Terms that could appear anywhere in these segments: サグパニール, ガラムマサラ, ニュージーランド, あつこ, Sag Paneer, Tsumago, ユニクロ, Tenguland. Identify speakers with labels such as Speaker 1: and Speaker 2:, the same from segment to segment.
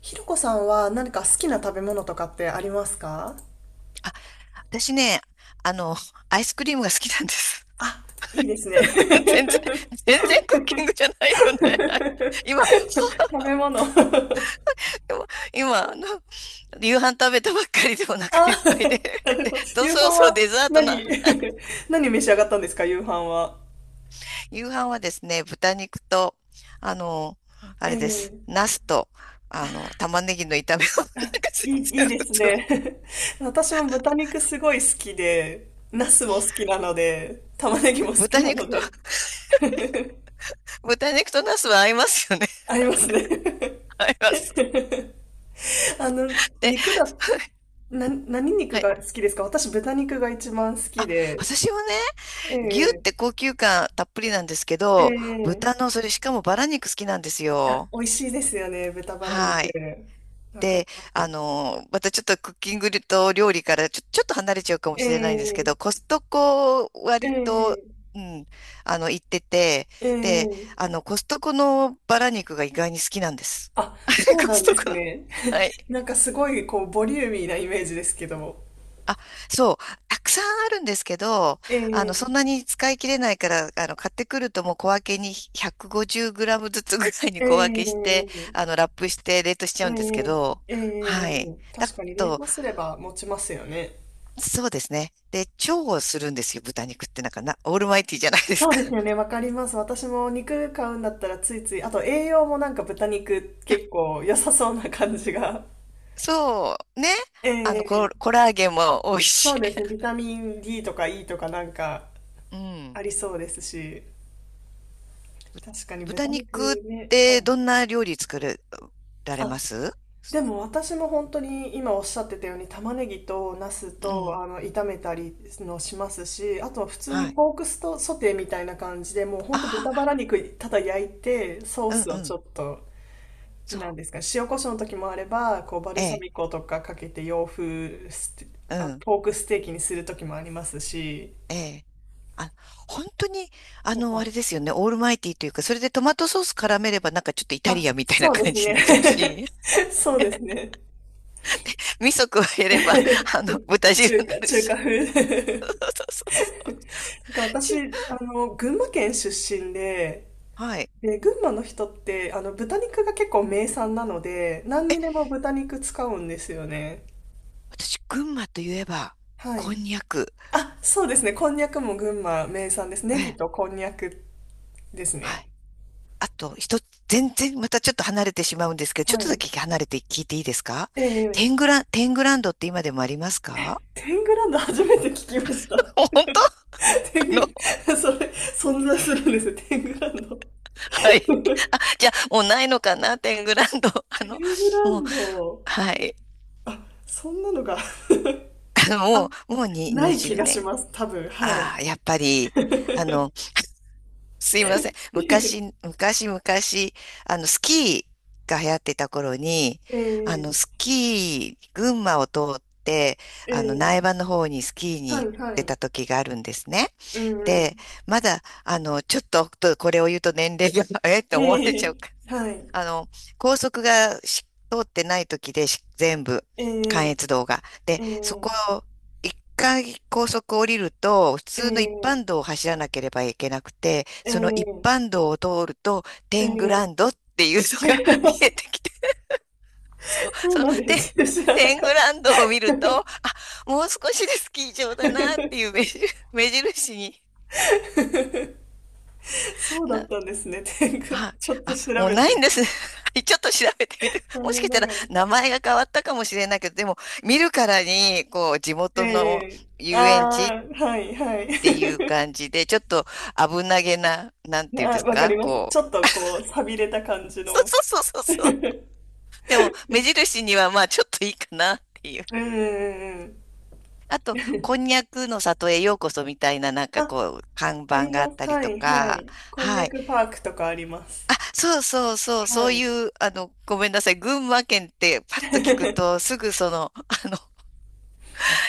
Speaker 1: ひろこさんは何か好きな食べ物とかってありますか？
Speaker 2: 私ね、あの、アイスクリームが好きなんです。
Speaker 1: あ、いいですね。
Speaker 2: 全然、全然クッキングじゃないよね。今、
Speaker 1: 食べ物。
Speaker 2: 今、夕飯食べたばっかりでお腹
Speaker 1: あ、
Speaker 2: いっぱいで。
Speaker 1: な る
Speaker 2: で、
Speaker 1: ほど。
Speaker 2: と
Speaker 1: 夕
Speaker 2: そろ
Speaker 1: 飯
Speaker 2: そろ
Speaker 1: は
Speaker 2: デザート
Speaker 1: 何？
Speaker 2: な。
Speaker 1: 何召し上がったんですか、夕飯は。
Speaker 2: 夕飯はですね、豚肉と、あの、あ
Speaker 1: え
Speaker 2: れです。
Speaker 1: え、
Speaker 2: ナスと、玉ねぎの炒め物。なんか全
Speaker 1: いい、いい
Speaker 2: 然
Speaker 1: で
Speaker 2: 普
Speaker 1: す
Speaker 2: 通
Speaker 1: ね。
Speaker 2: の。
Speaker 1: 私も豚肉すごい好きで、ナスも好きなので、玉ねぎも好き
Speaker 2: 豚
Speaker 1: な
Speaker 2: 肉
Speaker 1: の
Speaker 2: と、
Speaker 1: で、
Speaker 2: 豚肉とナスは合いますよね。
Speaker 1: ありますね。
Speaker 2: 合います。
Speaker 1: あの、
Speaker 2: で、
Speaker 1: 肉だ、な、何
Speaker 2: は
Speaker 1: 肉
Speaker 2: い。
Speaker 1: が好きですか？私、豚肉が一番好きで。
Speaker 2: 私はね、
Speaker 1: え
Speaker 2: 牛っ
Speaker 1: え、
Speaker 2: て高級感たっぷりなんですけ
Speaker 1: え
Speaker 2: ど、
Speaker 1: え、
Speaker 2: 豚のそれしかもバラ肉好きなんです
Speaker 1: あ、
Speaker 2: よ。
Speaker 1: 美味しいですよね、豚バラ肉。
Speaker 2: はい。
Speaker 1: わかり
Speaker 2: で、
Speaker 1: ます。
Speaker 2: またちょっとクッキングと料理からちょっと離れちゃうかも
Speaker 1: え
Speaker 2: しれないんですけど、
Speaker 1: え、
Speaker 2: コストコ
Speaker 1: え
Speaker 2: 割と、
Speaker 1: え、
Speaker 2: うん、行ってて、
Speaker 1: え
Speaker 2: で、
Speaker 1: え。
Speaker 2: コストコのバラ肉が意外に好きなんです。
Speaker 1: あ、そ う
Speaker 2: コ
Speaker 1: な
Speaker 2: ス
Speaker 1: ん
Speaker 2: ト
Speaker 1: です
Speaker 2: コの。
Speaker 1: ね。
Speaker 2: はい。
Speaker 1: なんかすごい、こう、ボリューミーなイメージですけども。
Speaker 2: あ、そう、たくさんあるんですけど、
Speaker 1: ええ、
Speaker 2: そんなに使い切れないから、買ってくるともう小分けに150グラムずつぐらいに
Speaker 1: え
Speaker 2: 小分けして、
Speaker 1: え、
Speaker 2: ラップして冷凍しち
Speaker 1: え
Speaker 2: ゃうんですけど、
Speaker 1: え、ええ。
Speaker 2: はい。だ
Speaker 1: 確かに冷
Speaker 2: と、
Speaker 1: 凍すれば持ちますよね。
Speaker 2: そうですね。で、調をするんですよ。豚肉ってなんかな、オールマイティーじゃないです
Speaker 1: そう
Speaker 2: か。
Speaker 1: ですよ ね、わかります。私も肉買うんだったらついつい、あと栄養もなんか豚肉結構良さそうな感じが。
Speaker 2: そう、ね。
Speaker 1: ええ、
Speaker 2: コラーゲンも多いし。
Speaker 1: そうですね。ビタミン D とか E とかなんか
Speaker 2: うん。
Speaker 1: ありそうですし、確かに豚
Speaker 2: 豚
Speaker 1: 肉
Speaker 2: 肉っ
Speaker 1: ね、は
Speaker 2: て
Speaker 1: い。
Speaker 2: どんな料理作れられま
Speaker 1: あ、
Speaker 2: す？
Speaker 1: でも私も本当に今おっしゃってたように玉ねぎとナス
Speaker 2: う
Speaker 1: と
Speaker 2: ん。
Speaker 1: 炒めたりのしますし、あと普通に
Speaker 2: はい。
Speaker 1: ポークストソテーみたいな感じでもう本当豚バ
Speaker 2: あ
Speaker 1: ラ肉ただ焼いてソー
Speaker 2: あ、
Speaker 1: ス
Speaker 2: うん
Speaker 1: を
Speaker 2: う
Speaker 1: ち
Speaker 2: ん。
Speaker 1: ょっと。
Speaker 2: そ
Speaker 1: なん
Speaker 2: う。
Speaker 1: ですか、塩コショウの時もあれば、こうバル
Speaker 2: え
Speaker 1: サ
Speaker 2: え、
Speaker 1: ミコとかかけて洋風ステ、
Speaker 2: う
Speaker 1: あ、
Speaker 2: ん、
Speaker 1: ポークステーキにする時もありますし、
Speaker 2: ええ。あ、本当に、
Speaker 1: と
Speaker 2: あ
Speaker 1: か。
Speaker 2: れですよね。オールマイティーというか、それでトマトソース絡めれば、なんかちょっとイタ
Speaker 1: あ、
Speaker 2: リアンみたいな
Speaker 1: そうで
Speaker 2: 感
Speaker 1: す
Speaker 2: じ
Speaker 1: ね。
Speaker 2: になっちゃうし、
Speaker 1: そうですね。
Speaker 2: 味噌加えれば、豚 汁
Speaker 1: 中
Speaker 2: に
Speaker 1: 華、
Speaker 2: なる
Speaker 1: 中華
Speaker 2: し。そう
Speaker 1: 風。
Speaker 2: そうそう。
Speaker 1: なんか
Speaker 2: ち
Speaker 1: 私、
Speaker 2: ゅ
Speaker 1: 群馬県出身で、
Speaker 2: はい。
Speaker 1: で、群馬の人って、豚肉が結構名産なので、何にでも豚肉使うんですよね。
Speaker 2: 私、群馬といえば、
Speaker 1: は
Speaker 2: こん
Speaker 1: い。
Speaker 2: にゃく。
Speaker 1: あ、そうですね。こんにゃくも群馬名産です。ネ
Speaker 2: え
Speaker 1: ギ
Speaker 2: え、
Speaker 1: とこんにゃくです
Speaker 2: は
Speaker 1: ね。
Speaker 2: い。あと、一つ、全然またちょっと離れてしまうんですけど、ちょっ
Speaker 1: は
Speaker 2: と
Speaker 1: い。
Speaker 2: だけ離れて聞いていいですか？
Speaker 1: ええ、
Speaker 2: テングランドって今でもありますか？
Speaker 1: テングランド初めて聞きました。
Speaker 2: 本当あ
Speaker 1: テング
Speaker 2: の
Speaker 1: ラ、それ、存在するんですよ、テングランド。
Speaker 2: はい。あ、じゃあ、もうないのかな、テングランド。あ
Speaker 1: テ
Speaker 2: の、
Speaker 1: ングラ
Speaker 2: もう、
Speaker 1: ンド、
Speaker 2: はい。
Speaker 1: あ、そんなのが、
Speaker 2: あの、
Speaker 1: あ、
Speaker 2: もう、もうに
Speaker 1: ない
Speaker 2: 20
Speaker 1: 気がし
Speaker 2: 年。
Speaker 1: ます、多分、はい。
Speaker 2: ああ、やっぱり、あ の、すいません。昔、昔、昔、スキーが流行ってた頃に、あの、
Speaker 1: ええ、
Speaker 2: スキー、群馬を通って、
Speaker 1: え
Speaker 2: 苗
Speaker 1: え、
Speaker 2: 場の方にスキーに
Speaker 1: は
Speaker 2: 行っ
Speaker 1: い、は
Speaker 2: て
Speaker 1: い。
Speaker 2: た時があるんですね。
Speaker 1: うんう
Speaker 2: で、
Speaker 1: ん。
Speaker 2: まだ、あの、ちょっと、これを言うと年齢が、えって思われ
Speaker 1: え
Speaker 2: ちゃう
Speaker 1: え、
Speaker 2: か
Speaker 1: はい。
Speaker 2: あの、高速がし通ってない時でし全部、関
Speaker 1: え
Speaker 2: 越道が。で、
Speaker 1: え、え
Speaker 2: そ
Speaker 1: え、
Speaker 2: こ、一回高速降りると、普
Speaker 1: え
Speaker 2: 通の一
Speaker 1: え、
Speaker 2: 般道を走らなければいけなくて、その一
Speaker 1: え
Speaker 2: 般道を通ると、
Speaker 1: え、
Speaker 2: テング
Speaker 1: え
Speaker 2: ラン
Speaker 1: え。
Speaker 2: ドっていうのが 見えて きて、そう、
Speaker 1: そうなんです。知らな
Speaker 2: テン
Speaker 1: かっ
Speaker 2: グランドを見ると、あ、もう少しでスキー場だなって
Speaker 1: た。
Speaker 2: いう目印、目印に
Speaker 1: そうだっ
Speaker 2: な
Speaker 1: たんですね、テングラ
Speaker 2: はい。
Speaker 1: ちょっと
Speaker 2: あ、
Speaker 1: 調
Speaker 2: もう
Speaker 1: べ
Speaker 2: な
Speaker 1: て
Speaker 2: い
Speaker 1: み
Speaker 2: んです
Speaker 1: て。
Speaker 2: ね。はい、ちょっと調べてみて。
Speaker 1: 残
Speaker 2: もしか
Speaker 1: 念
Speaker 2: し
Speaker 1: な
Speaker 2: た
Speaker 1: が
Speaker 2: ら
Speaker 1: ら。
Speaker 2: 名前が変わったかもしれないけど、でも見るからに、こう、地
Speaker 1: え
Speaker 2: 元の
Speaker 1: え、
Speaker 2: 遊園地っ
Speaker 1: ああー、はいはい。
Speaker 2: ていう感じで、ちょっと危なげな、なん ていうんで
Speaker 1: あ、
Speaker 2: す
Speaker 1: わか
Speaker 2: か、
Speaker 1: ります。ち
Speaker 2: こ
Speaker 1: ょっ
Speaker 2: う。
Speaker 1: とこう、寂れた感じ
Speaker 2: そう
Speaker 1: の。
Speaker 2: そうそうそう
Speaker 1: う
Speaker 2: そう。
Speaker 1: ん
Speaker 2: でも、目印にはまあ、ちょっといいかなっていう。
Speaker 1: うんうん。
Speaker 2: あと、こ んにゃくの里へようこそみたいな、なんか
Speaker 1: あ、
Speaker 2: こう、看
Speaker 1: あ
Speaker 2: 板
Speaker 1: り
Speaker 2: があ
Speaker 1: ま
Speaker 2: っ
Speaker 1: す。
Speaker 2: たり
Speaker 1: は
Speaker 2: と
Speaker 1: いは
Speaker 2: か、
Speaker 1: い。こんに
Speaker 2: は
Speaker 1: ゃ
Speaker 2: い。
Speaker 1: くパークとかあります。
Speaker 2: あ、そうそうそう、そ
Speaker 1: は
Speaker 2: う
Speaker 1: い。
Speaker 2: いう、ごめんなさい。群馬県ってパッと聞くと、すぐその、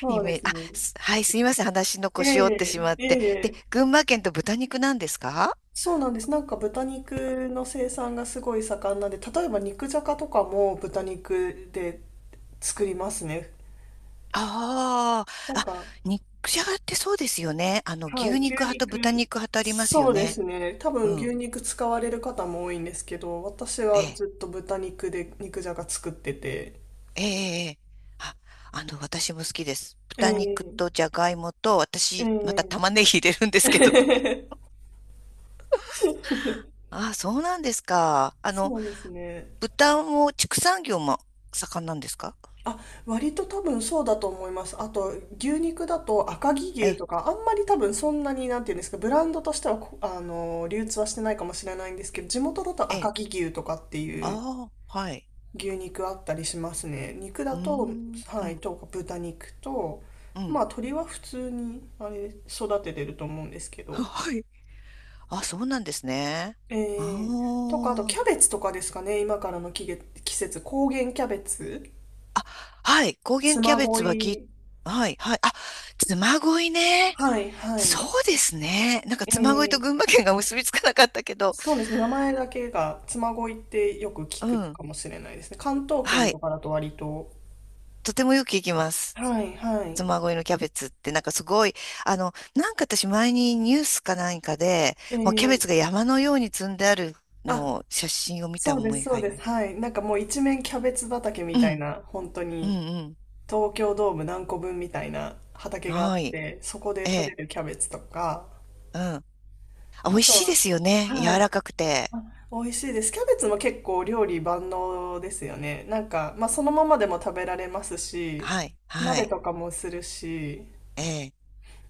Speaker 1: そ
Speaker 2: イ
Speaker 1: うで
Speaker 2: メージ、
Speaker 1: す
Speaker 2: あ、
Speaker 1: ね。
Speaker 2: すはい、すいません。話の腰折って
Speaker 1: え
Speaker 2: しまっ
Speaker 1: え、
Speaker 2: て。で、
Speaker 1: ええ、
Speaker 2: 群馬県と豚肉なんですか？
Speaker 1: そうなんです。なんか豚肉の生産がすごい盛んなんで、例えば肉じゃがとかも豚肉で作りますね。
Speaker 2: ああ
Speaker 1: なん
Speaker 2: あ、
Speaker 1: か、
Speaker 2: 肉じゃがってそうですよね。あの、
Speaker 1: は
Speaker 2: 牛
Speaker 1: い、牛
Speaker 2: 肉派と
Speaker 1: 肉、
Speaker 2: 豚肉派とありますよ
Speaker 1: そうで
Speaker 2: ね。
Speaker 1: すね。多
Speaker 2: う
Speaker 1: 分牛
Speaker 2: ん。
Speaker 1: 肉使われる方も多いんですけど、私
Speaker 2: え
Speaker 1: は
Speaker 2: え、
Speaker 1: ずっと豚肉で肉じゃが作ってて。
Speaker 2: ええ、ええ。あ、私も好きです。豚肉
Speaker 1: ええ、
Speaker 2: とじゃがいもと、私、また
Speaker 1: え
Speaker 2: 玉ねぎ入れるんですけど。
Speaker 1: え。
Speaker 2: ああ、そうなんですか。
Speaker 1: そうですね。
Speaker 2: 豚も畜産業も盛んなんですか？
Speaker 1: あ、割と多分そうだと思います。あと、牛肉だと赤城
Speaker 2: え
Speaker 1: 牛
Speaker 2: え、
Speaker 1: とか、あんまり多分そんなに、なんていうんですか、ブランドとしてはこ、流通はしてないかもしれないんですけど、地元だと
Speaker 2: え
Speaker 1: 赤
Speaker 2: え、
Speaker 1: 城牛とかっていう
Speaker 2: ああ、はい。
Speaker 1: 牛肉あったりしますね。肉だ
Speaker 2: うー
Speaker 1: と、
Speaker 2: ん、う
Speaker 1: はい、
Speaker 2: ん、
Speaker 1: とか豚肉と、
Speaker 2: う
Speaker 1: ま
Speaker 2: ん。
Speaker 1: あ、鶏は普通に、あれ、育ててると思うんですけ ど。
Speaker 2: はい。あ、そうなんですね。
Speaker 1: えー、とか、あと
Speaker 2: あ
Speaker 1: キ
Speaker 2: あ。
Speaker 1: ャベツとかですかね、今からの季節、高原キャベツ、
Speaker 2: あ、はい。高原キャ
Speaker 1: 嬬
Speaker 2: ベツはき、
Speaker 1: 恋、
Speaker 2: はい、はい。あ、嬬恋ね。
Speaker 1: はい、はい。
Speaker 2: そうですね。なんか
Speaker 1: え
Speaker 2: 嬬恋と
Speaker 1: ー、
Speaker 2: 群馬県が結びつかなかったけど。
Speaker 1: そうですね。名前だけが妻恋ってよく聞
Speaker 2: う
Speaker 1: く
Speaker 2: ん。
Speaker 1: かもしれないですね。関東
Speaker 2: は
Speaker 1: 圏と
Speaker 2: い。
Speaker 1: かだと割と。
Speaker 2: とてもよく行きます。
Speaker 1: はい、は
Speaker 2: ご
Speaker 1: い。
Speaker 2: 恋のキャベツってなんかすごい、なんか私前にニュースか何かで、
Speaker 1: え
Speaker 2: もうキャベ
Speaker 1: ー、
Speaker 2: ツが山のように積んである
Speaker 1: あ、
Speaker 2: のを写真を見た
Speaker 1: そうで
Speaker 2: 思
Speaker 1: す、
Speaker 2: い
Speaker 1: そう
Speaker 2: があ
Speaker 1: で
Speaker 2: り。
Speaker 1: す。はい。なんかもう一面キャベツ畑み
Speaker 2: う
Speaker 1: たい
Speaker 2: ん、
Speaker 1: な、本当
Speaker 2: うん、
Speaker 1: に
Speaker 2: うん。
Speaker 1: 東京ドーム何個分みたいな畑があ
Speaker 2: は
Speaker 1: っ
Speaker 2: い。
Speaker 1: て、そこで
Speaker 2: え
Speaker 1: 採れ
Speaker 2: え、
Speaker 1: るキャベツとか、
Speaker 2: うん。あ、美
Speaker 1: あ
Speaker 2: 味
Speaker 1: と
Speaker 2: しいで
Speaker 1: は、
Speaker 2: すよね。
Speaker 1: は
Speaker 2: 柔
Speaker 1: い。
Speaker 2: らかくて。
Speaker 1: あ、美味しいです。キャベツも結構料理万能ですよね。なんか、まあそのままでも食べられますし、
Speaker 2: はい、は
Speaker 1: 鍋
Speaker 2: い。
Speaker 1: とかもするし、
Speaker 2: ええ。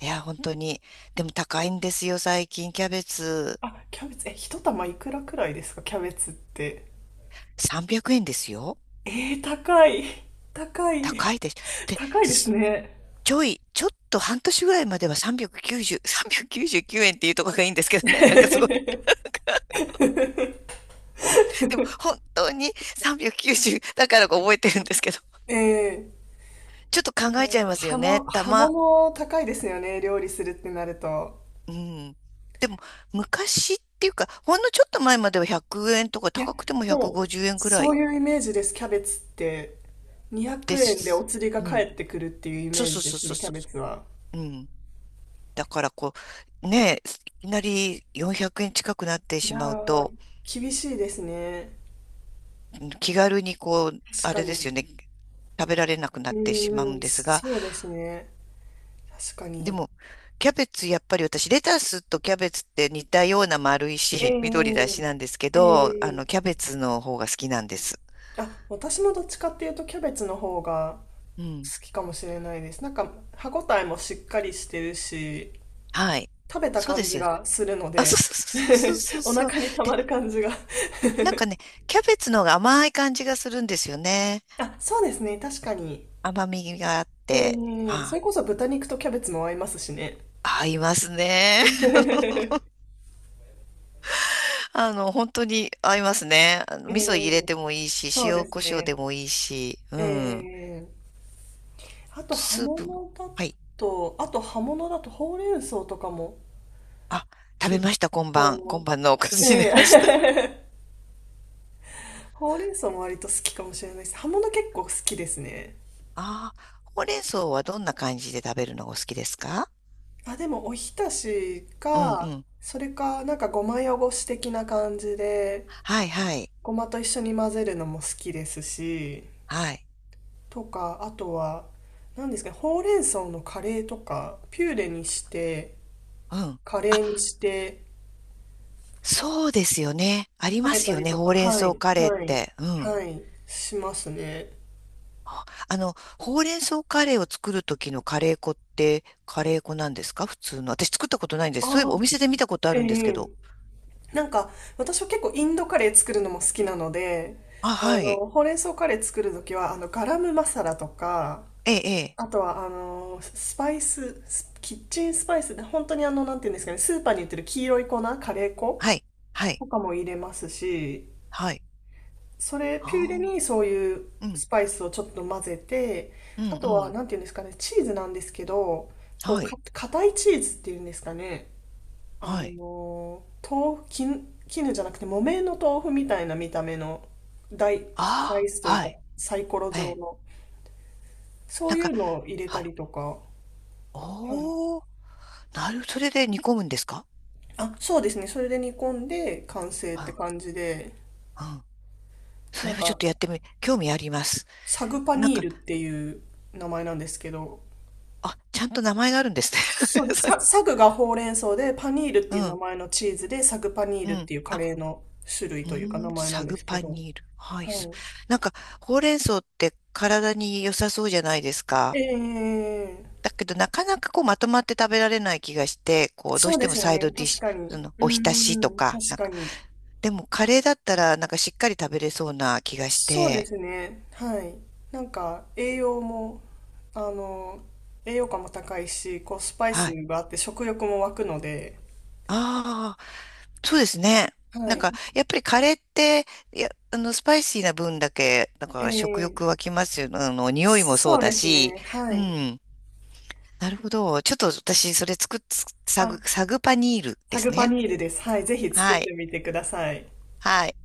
Speaker 2: いや、本当に。でも高いんですよ、最近。キャベツ。
Speaker 1: あ、キャベツ、え、一玉いくらくらいですか、キャベツって。
Speaker 2: 300円ですよ。
Speaker 1: えー、高い。高
Speaker 2: 高
Speaker 1: い。
Speaker 2: いです。で、
Speaker 1: 高いです
Speaker 2: す
Speaker 1: ね。
Speaker 2: ちょっと半年ぐらいまでは390、399円っていうところがいいんですけどね。なんかすごい でも本当に390だからか覚えてるんですけど、
Speaker 1: ええ、
Speaker 2: ちょっと
Speaker 1: え
Speaker 2: 考
Speaker 1: ー、
Speaker 2: えちゃいますよ
Speaker 1: 葉も、
Speaker 2: ね。た
Speaker 1: 葉
Speaker 2: ま、
Speaker 1: 物高いですよね、料理するってなると。
Speaker 2: うん。でも昔っていうか、ほんのちょっと前までは100円とか
Speaker 1: いや、
Speaker 2: 高くても
Speaker 1: もう、
Speaker 2: 150円くごじゅうえんくら
Speaker 1: そ
Speaker 2: い
Speaker 1: ういうイメージです、キャベツって。200
Speaker 2: で
Speaker 1: 円でお
Speaker 2: す。
Speaker 1: 釣りが
Speaker 2: うん。
Speaker 1: 返ってくるっていうイ
Speaker 2: そ
Speaker 1: メ
Speaker 2: う
Speaker 1: ー
Speaker 2: そ
Speaker 1: ジ
Speaker 2: う
Speaker 1: で
Speaker 2: そう
Speaker 1: す
Speaker 2: そ
Speaker 1: ね、
Speaker 2: う
Speaker 1: キャ
Speaker 2: そ
Speaker 1: ベツは。
Speaker 2: う。うん。だからこう、ねえ、いきなり400円近くなって
Speaker 1: い
Speaker 2: し
Speaker 1: や
Speaker 2: まう
Speaker 1: ー、
Speaker 2: と、
Speaker 1: 厳しいですね。
Speaker 2: うん、気軽にこう、あ
Speaker 1: 確か
Speaker 2: れです
Speaker 1: に。
Speaker 2: よね、食べられなくなってしまう
Speaker 1: う
Speaker 2: ん
Speaker 1: ーん、
Speaker 2: ですが、
Speaker 1: そうですね。確か
Speaker 2: で
Speaker 1: に。
Speaker 2: も、キャベツ、やっぱり私、レタスとキャベツって似たような丸いし、緑だ
Speaker 1: え
Speaker 2: しなんですけ
Speaker 1: え、
Speaker 2: ど、
Speaker 1: ええ、
Speaker 2: キャベツの方が好きなんです。
Speaker 1: あ、私もどっちかっていうとキャベツの方が
Speaker 2: うん。
Speaker 1: 好きかもしれないです。なんか歯ごたえもしっかりしてるし、
Speaker 2: はい。
Speaker 1: 食べた
Speaker 2: そうで
Speaker 1: 感
Speaker 2: す
Speaker 1: じ
Speaker 2: よ。
Speaker 1: がするの
Speaker 2: あ、そう
Speaker 1: で、
Speaker 2: そうそうそうそ う
Speaker 1: お
Speaker 2: そう。
Speaker 1: 腹にた
Speaker 2: で、
Speaker 1: まる感じが。
Speaker 2: なんかね、キャベツの方が甘い感じがするんですよね。
Speaker 1: あ、そうですね、確かに。
Speaker 2: 甘みがあっ
Speaker 1: え
Speaker 2: て。
Speaker 1: え、そ
Speaker 2: は
Speaker 1: れこ
Speaker 2: い。
Speaker 1: そ豚肉とキャベツも合いますしね。
Speaker 2: 合いますね。本当に合いますね。あの
Speaker 1: え
Speaker 2: 味
Speaker 1: え、
Speaker 2: 噌入れてもいいし、
Speaker 1: そう
Speaker 2: 塩
Speaker 1: です
Speaker 2: コショウ
Speaker 1: ね。
Speaker 2: でもいいし、うん。
Speaker 1: ええ、あと葉
Speaker 2: スープも、
Speaker 1: 物だ
Speaker 2: はい。
Speaker 1: と、あと葉物だとほうれん草とかも
Speaker 2: あ、食べ
Speaker 1: 結
Speaker 2: ました、今晩。今晩のおかず
Speaker 1: 構、
Speaker 2: に
Speaker 1: え
Speaker 2: 出
Speaker 1: え、
Speaker 2: ました。
Speaker 1: ほうれん草も割と好きかもしれないです。葉物結構好きですね。
Speaker 2: ああ、ほうれん草はどんな感じで食べるのがお好きですか？
Speaker 1: あ、でもおひたし
Speaker 2: うんう
Speaker 1: か、
Speaker 2: ん。
Speaker 1: それかなんかごま汚し的な感じで、
Speaker 2: はいはい。
Speaker 1: ごまと一緒に混ぜるのも好きですし、
Speaker 2: はい。
Speaker 1: とか、あとは、何ですかね、ほうれん草のカレーとか、ピューレにして、
Speaker 2: うん。
Speaker 1: カレーに
Speaker 2: あ、
Speaker 1: して
Speaker 2: そうですよね。あり
Speaker 1: 食
Speaker 2: ま
Speaker 1: べ
Speaker 2: す
Speaker 1: た
Speaker 2: よ
Speaker 1: り
Speaker 2: ね、
Speaker 1: と
Speaker 2: ほ
Speaker 1: か、
Speaker 2: うれん
Speaker 1: はい、
Speaker 2: 草カレーっ
Speaker 1: はい、
Speaker 2: て。うん。
Speaker 1: はい、しますね。
Speaker 2: ああの、ほうれん草カレーを作る時のカレー粉って、カレー粉なんですか普通の。私作ったことないんです。そういえ
Speaker 1: あ
Speaker 2: ばお
Speaker 1: あ、
Speaker 2: 店で見たことあ
Speaker 1: え
Speaker 2: るんですけ
Speaker 1: え、
Speaker 2: ど。
Speaker 1: なんか、私は結構インドカレー作るのも好きなので、
Speaker 2: あ、はい。
Speaker 1: ほうれん草カレー作るときは、ガラムマサラとか、
Speaker 2: ええ、ええ。
Speaker 1: あとは、スキッチンスパイスで、本当になんていうんですかね、スーパーに売ってる黄色い粉、カレー粉
Speaker 2: はい。はい。
Speaker 1: とかも入れますし、
Speaker 2: はい。
Speaker 1: それ、ピューレ
Speaker 2: あ
Speaker 1: にそういう
Speaker 2: あ。うん。
Speaker 1: スパイスをちょっと混ぜて、
Speaker 2: うん、
Speaker 1: あ
Speaker 2: う
Speaker 1: とは、
Speaker 2: ん。
Speaker 1: なんていうんですかね、チーズなんですけど、
Speaker 2: はい。
Speaker 1: 硬いチーズっていうんですかね、あ
Speaker 2: はい。
Speaker 1: の、豆腐、絹、絹じゃなくて木綿の豆腐みたいな見た目の大、ダ
Speaker 2: あ
Speaker 1: イスと
Speaker 2: あ、
Speaker 1: いう
Speaker 2: は
Speaker 1: か
Speaker 2: い。
Speaker 1: サイコロ
Speaker 2: え
Speaker 1: 状
Speaker 2: え。
Speaker 1: の、そ
Speaker 2: な
Speaker 1: う
Speaker 2: ん
Speaker 1: い
Speaker 2: か、
Speaker 1: うのを入れ
Speaker 2: は
Speaker 1: た
Speaker 2: い。
Speaker 1: りとか、はい。
Speaker 2: おー、なる、それで煮込むんですか？
Speaker 1: あ、そうですね。それで煮込んで完成っ
Speaker 2: う
Speaker 1: て
Speaker 2: ん、
Speaker 1: 感じで、
Speaker 2: うん。そ
Speaker 1: な
Speaker 2: れ
Speaker 1: ん
Speaker 2: はちょっ
Speaker 1: か、
Speaker 2: とやってみ、興味あります。
Speaker 1: サグパ
Speaker 2: なん
Speaker 1: ニー
Speaker 2: か、
Speaker 1: ルっていう名前なんですけど、
Speaker 2: あ、ちゃんと名前があるんですね。
Speaker 1: そうです。サグがほうれん草で、パニールっ て
Speaker 2: う
Speaker 1: いう名
Speaker 2: ん、
Speaker 1: 前のチーズで、サグパニー
Speaker 2: う
Speaker 1: ルっ
Speaker 2: ん。
Speaker 1: ていうカ
Speaker 2: あ、
Speaker 1: レーの種類
Speaker 2: うー
Speaker 1: というか名
Speaker 2: ん、
Speaker 1: 前な
Speaker 2: サ
Speaker 1: んで
Speaker 2: グ
Speaker 1: すけ
Speaker 2: パ
Speaker 1: ど、
Speaker 2: ニール。はい。
Speaker 1: は
Speaker 2: すなんか、ほうれん草って体に良さそうじゃないですか。
Speaker 1: い。ええ、
Speaker 2: だけど、なかなかこう、まとまって食べられない気がして、こう、どう
Speaker 1: そう
Speaker 2: し
Speaker 1: で
Speaker 2: ても
Speaker 1: すよ
Speaker 2: サイ
Speaker 1: ね。
Speaker 2: ドディッ
Speaker 1: 確
Speaker 2: シュ、
Speaker 1: か
Speaker 2: そ
Speaker 1: に。
Speaker 2: の、
Speaker 1: うん
Speaker 2: お浸
Speaker 1: う
Speaker 2: し
Speaker 1: んう
Speaker 2: と
Speaker 1: ん。
Speaker 2: か、
Speaker 1: 確
Speaker 2: なん
Speaker 1: か
Speaker 2: か、
Speaker 1: に。
Speaker 2: でも、カレーだったら、なんかしっかり食べれそうな気がし
Speaker 1: そうで
Speaker 2: て、
Speaker 1: すね。はい。なんか、栄養も、あの、栄養価も高いし、こう、スパイ
Speaker 2: は
Speaker 1: ス
Speaker 2: い。
Speaker 1: があって食欲も湧くので、
Speaker 2: ああ、そうですね。な
Speaker 1: は
Speaker 2: ん
Speaker 1: い。
Speaker 2: か、やっぱりカレーって、いや、スパイシーな分だけ、なん
Speaker 1: え
Speaker 2: か食
Speaker 1: ー、
Speaker 2: 欲湧きますよね。あの、匂いもそう
Speaker 1: そう
Speaker 2: だ
Speaker 1: です
Speaker 2: し、
Speaker 1: ね。は
Speaker 2: う
Speaker 1: い。
Speaker 2: ん。なるほど。ちょっと私、それ作っ、
Speaker 1: あ、
Speaker 2: サグパニールで
Speaker 1: タ
Speaker 2: す
Speaker 1: グパ
Speaker 2: ね。
Speaker 1: ニールです。はい。ぜひ作っ
Speaker 2: は
Speaker 1: て
Speaker 2: い。
Speaker 1: みてください。
Speaker 2: はい。